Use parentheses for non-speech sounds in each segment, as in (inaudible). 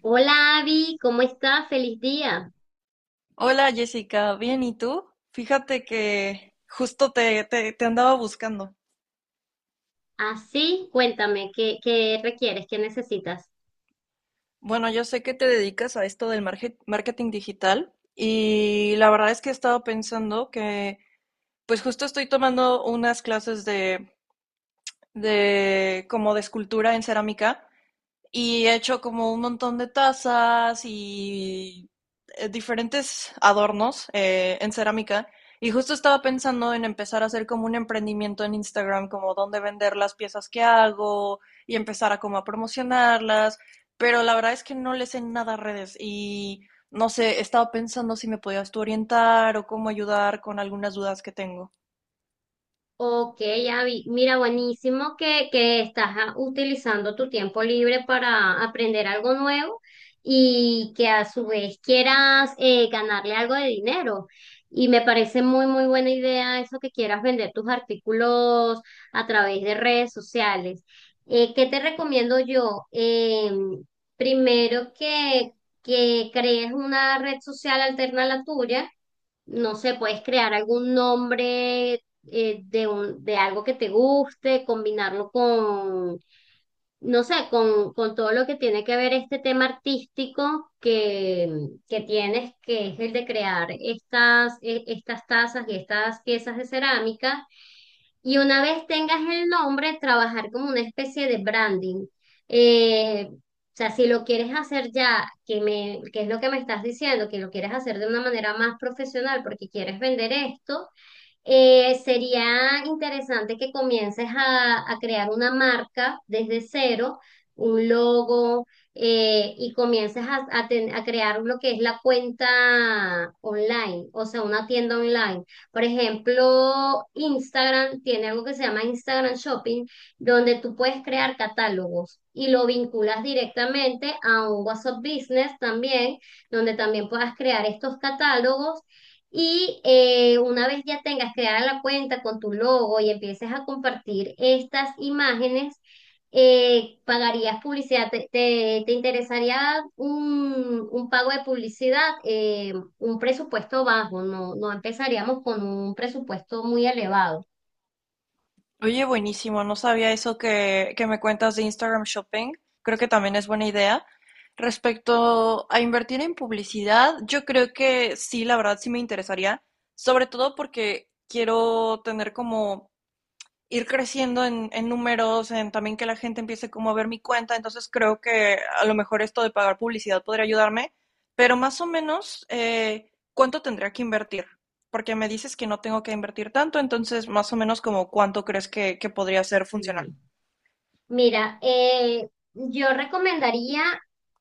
Hola Abby, ¿cómo estás? Feliz día. Hola Jessica, bien, ¿y tú? Fíjate que justo te andaba buscando. Así, cuéntame, ¿qué requieres? ¿Qué necesitas? Bueno, yo sé que te dedicas a esto del marketing digital y la verdad es que he estado pensando que pues justo estoy tomando unas clases de como de escultura en cerámica y he hecho como un montón de tazas y diferentes adornos en cerámica. Y justo estaba pensando en empezar a hacer como un emprendimiento en Instagram, como dónde vender las piezas que hago y empezar a como a promocionarlas. Pero la verdad es que no le sé nada a redes y no sé, estaba pensando si me podías tú orientar o cómo ayudar con algunas dudas que tengo. Ok, Abby, mira, buenísimo que estás utilizando tu tiempo libre para aprender algo nuevo y que a su vez quieras ganarle algo de dinero. Y me parece muy, muy buena idea eso que quieras vender tus artículos a través de redes sociales. ¿Qué te recomiendo yo? Primero que crees una red social alterna a la tuya. No sé, puedes crear algún nombre, de algo que te guste, combinarlo con, no sé, con todo lo que tiene que ver este tema artístico que tienes, que es el de crear estas tazas y estas piezas de cerámica. Y una vez tengas el nombre, trabajar como una especie de branding. O sea, si lo quieres hacer ya, que es lo que me estás diciendo, que lo quieres hacer de una manera más profesional porque quieres vender esto, sería interesante que comiences a crear una marca desde cero, un logo, y comiences a crear lo que es la cuenta online, o sea, una tienda online. Por ejemplo, Instagram tiene algo que se llama Instagram Shopping, donde tú puedes crear catálogos y lo vinculas directamente a un WhatsApp Business también, donde también puedas crear estos catálogos y una vez ya tengas creada la cuenta con tu logo y empieces a compartir estas imágenes, pagarías publicidad. ¿Te interesaría un pago de publicidad? Un presupuesto bajo, no, no empezaríamos con un presupuesto muy elevado. Oye, buenísimo, no sabía eso que me cuentas de Instagram Shopping. Creo que también es buena idea. Respecto a invertir en publicidad, yo creo que sí, la verdad sí me interesaría, sobre todo porque quiero tener como ir creciendo en números, en también que la gente empiece como a ver mi cuenta, entonces creo que a lo mejor esto de pagar publicidad podría ayudarme, pero más o menos, ¿cuánto tendría que invertir? Porque me dices que no tengo que invertir tanto, entonces más o menos como cuánto crees que podría ser funcional. Sí. Mira, yo recomendaría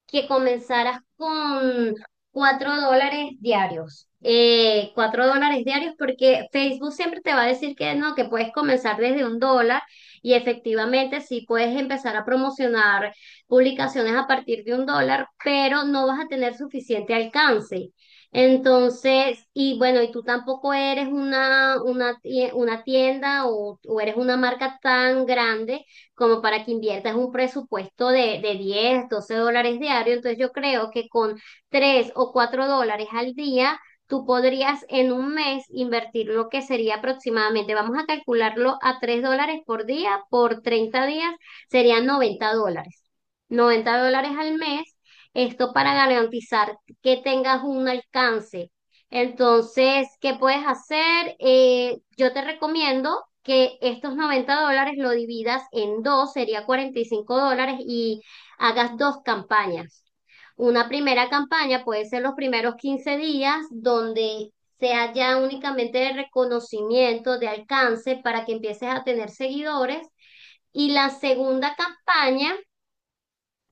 que comenzaras con $4 diarios. $4 diarios porque Facebook siempre te va a decir que no, que puedes comenzar desde $1 y efectivamente sí puedes empezar a promocionar publicaciones a partir de $1, pero no vas a tener suficiente alcance. Entonces, y bueno, y tú tampoco eres una tienda o eres una marca tan grande como para que inviertas un presupuesto de 10 12 dólares diario. Entonces yo creo que con 3 o 4 dólares al día, tú podrías en un mes invertir lo que sería aproximadamente, vamos a calcularlo a $3 por día, por 30 días serían $90. $90 al mes. Esto para garantizar que tengas un alcance. Entonces, ¿qué puedes hacer? Yo te recomiendo que estos $90 lo dividas en dos, sería $45 y hagas dos campañas. Una primera campaña puede ser los primeros 15 días donde sea ya únicamente de reconocimiento, de alcance, para que empieces a tener seguidores. Y la segunda campaña,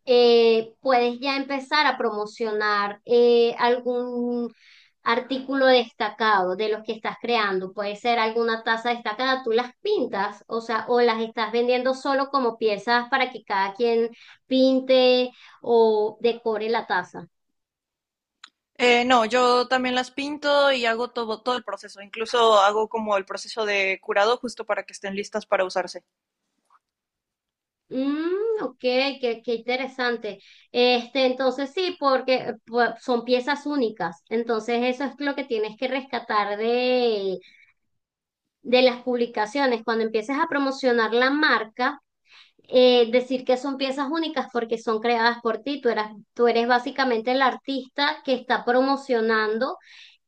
puedes ya empezar a promocionar, algún artículo destacado de los que estás creando. Puede ser alguna taza destacada, tú las pintas, o sea, o las estás vendiendo solo como piezas para que cada quien pinte o decore la taza. No, yo también las pinto y hago todo el proceso. Incluso hago como el proceso de curado justo para que estén listas para usarse. Mm, ok, qué interesante. Este, entonces sí, porque son piezas únicas. Entonces eso es lo que tienes que rescatar de las publicaciones, cuando empieces a promocionar la marca, decir que son piezas únicas porque son creadas por ti. Tú eres básicamente el artista que está promocionando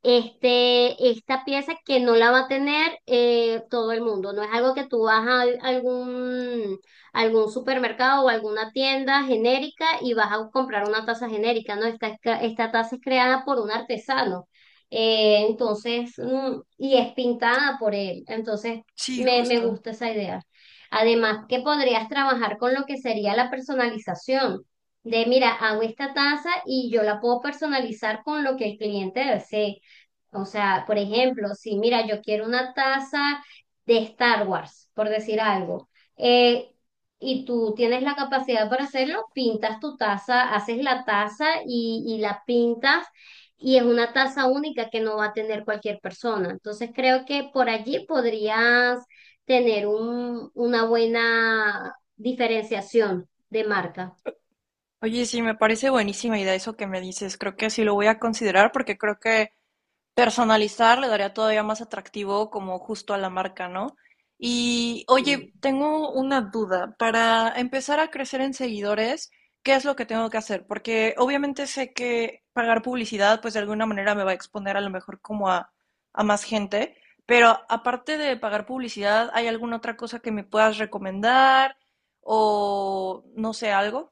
esta pieza que no la va a tener, todo el mundo. No es algo que tú vas a algún, algún supermercado o alguna tienda genérica y vas a comprar una taza genérica, ¿no? Esta taza es creada por un artesano. Entonces, y es pintada por él. Entonces, Sí, me justo. gusta esa idea. Además, que podrías trabajar con lo que sería la personalización. Mira, hago esta taza y yo la puedo personalizar con lo que el cliente desee. O sea, por ejemplo, si mira, yo quiero una taza de Star Wars, por decir algo, eh, y tú tienes la capacidad para hacerlo, pintas tu taza, haces la taza y la pintas, y es una taza única que no va a tener cualquier persona. Entonces creo que por allí podrías tener una buena diferenciación de marca. Oye, sí, me parece buenísima idea eso que me dices. Creo que sí lo voy a considerar porque creo que personalizar le daría todavía más atractivo como justo a la marca, ¿no? Y oye, Sí. tengo una duda. Para empezar a crecer en seguidores, ¿qué es lo que tengo que hacer? Porque obviamente sé que pagar publicidad, pues de alguna manera me va a exponer a lo mejor como a más gente, pero aparte de pagar publicidad, ¿hay alguna otra cosa que me puedas recomendar? O no sé, algo.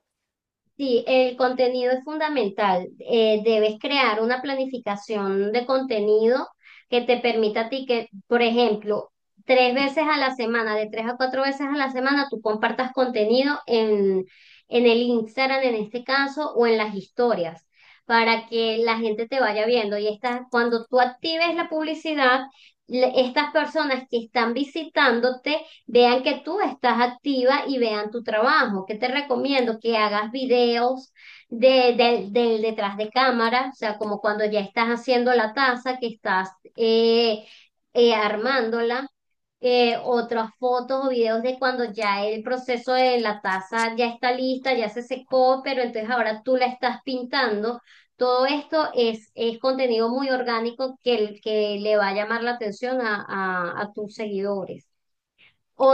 Sí, el contenido es fundamental. Debes crear una planificación de contenido que te permita a ti que, por ejemplo, tres veces a la semana, de tres a cuatro veces a la semana, tú compartas contenido en, el Instagram en este caso o en las historias para que la gente te vaya viendo. Y cuando tú actives la publicidad, estas personas que están visitándote vean que tú estás activa y vean tu trabajo. ¿Qué te recomiendo? Que hagas videos de, del del detrás de cámara, o sea, como cuando ya estás haciendo la taza, que estás eh, armándola. Otras fotos o videos de cuando ya el proceso de la taza ya está lista, ya se secó, pero entonces ahora tú la estás pintando. Todo esto es contenido muy orgánico que le va a llamar la atención a tus seguidores.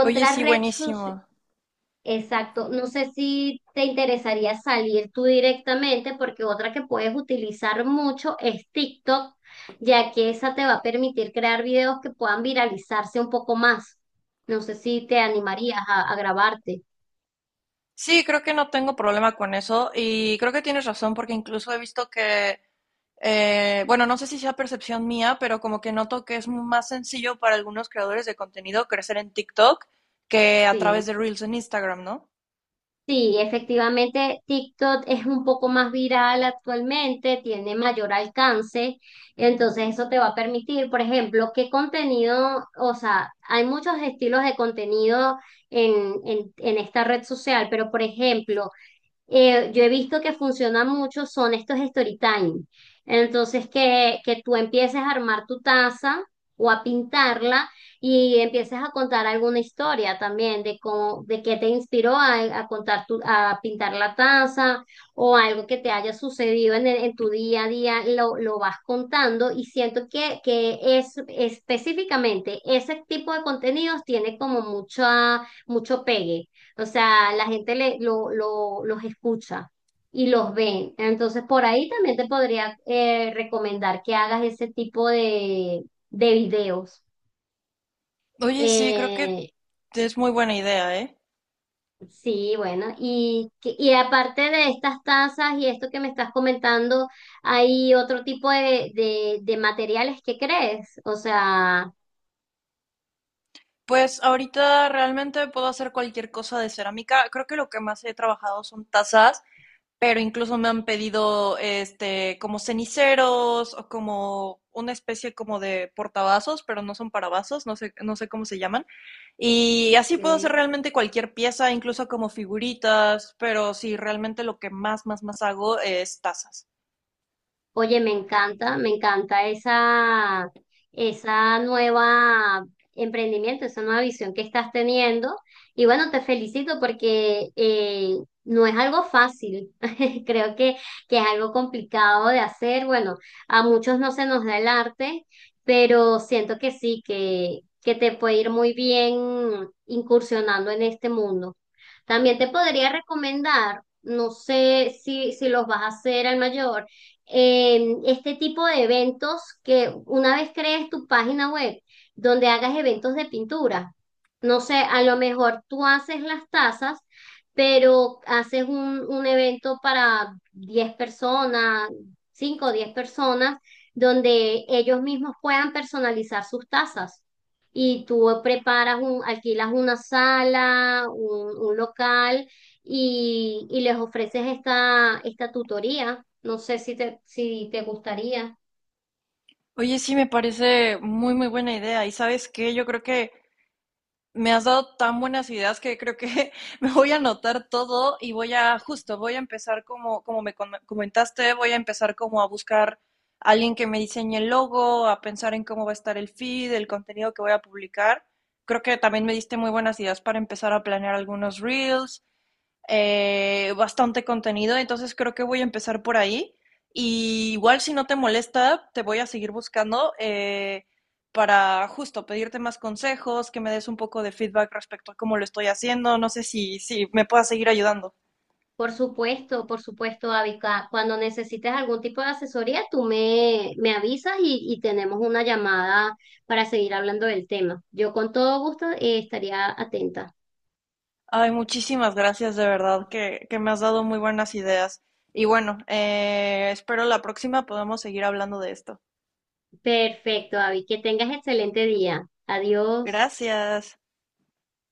Oye, sí, red social, buenísimo. exacto, no sé si te interesaría salir tú directamente porque otra que puedes utilizar mucho es TikTok, ya que esa te va a permitir crear videos que puedan viralizarse un poco más. No sé si te animarías a grabarte. Sí, creo que no tengo problema con eso y creo que tienes razón porque incluso he visto que, bueno, no sé si sea percepción mía, pero como que noto que es más sencillo para algunos creadores de contenido crecer en TikTok que a través Sí. de Reels en Instagram, ¿no? Sí, efectivamente, TikTok es un poco más viral actualmente, tiene mayor alcance, entonces eso te va a permitir, por ejemplo, qué contenido, o sea, hay muchos estilos de contenido en, en esta red social, pero por ejemplo, yo he visto que funciona mucho, son estos story time. Entonces, que tú empieces a armar tu taza o a pintarla y empieces a contar alguna historia también de cómo, de qué te inspiró a a pintar la taza o algo que te haya sucedido en tu día a día, lo vas contando y siento que es específicamente ese tipo de contenidos tiene como mucho pegue, o sea, la gente los escucha y los ve. Entonces, por ahí también te podría, recomendar que hagas ese tipo de videos. Oye, sí, creo que Eh, es muy buena idea, ¿eh? sí, bueno, y aparte de estas tazas y esto que me estás comentando, ¿hay otro tipo de materiales que crees? O sea, Pues ahorita realmente puedo hacer cualquier cosa de cerámica. Creo que lo que más he trabajado son tazas, pero incluso me han pedido este como ceniceros o como una especie como de portavasos, pero no son para vasos, no sé, no sé cómo se llaman. Y así puedo hacer ok. realmente cualquier pieza, incluso como figuritas, pero sí, realmente lo que más, más, más hago es tazas. Oye, me encanta esa nueva emprendimiento, esa nueva visión que estás teniendo. Y bueno, te felicito porque no es algo fácil. (laughs) Creo que es algo complicado de hacer. Bueno, a muchos no se nos da el arte, pero siento que sí, que te puede ir muy bien incursionando en este mundo. También te podría recomendar, no sé si los vas a hacer al mayor, este tipo de eventos que una vez crees tu página web donde hagas eventos de pintura. No sé, a lo mejor tú haces las tazas, pero haces un evento para 10 personas, 5 o 10 personas, donde ellos mismos puedan personalizar sus tazas. Y tú preparas alquilas una sala, un local y les ofreces esta tutoría. No sé si te gustaría. Oye, sí, me parece muy, muy buena idea. Y sabes qué, yo creo que me has dado tan buenas ideas que creo que (laughs) me voy a anotar todo y voy a, justo, voy a empezar como, como me comentaste, voy a empezar como a buscar a alguien que me diseñe el logo, a pensar en cómo va a estar el feed, el contenido que voy a publicar. Creo que también me diste muy buenas ideas para empezar a planear algunos reels bastante contenido, entonces creo que voy a empezar por ahí. Y igual si no te molesta, te voy a seguir buscando para justo pedirte más consejos, que me des un poco de feedback respecto a cómo lo estoy haciendo, no sé si, si me puedas seguir ayudando. Por supuesto, Avica. Cuando necesites algún tipo de asesoría, tú me avisas y tenemos una llamada para seguir hablando del tema. Yo con todo gusto, estaría atenta. Ay, muchísimas gracias, de verdad, que me has dado muy buenas ideas. Y bueno, espero la próxima podamos seguir hablando de esto. Perfecto, Avi. Que tengas excelente día. Adiós. Gracias.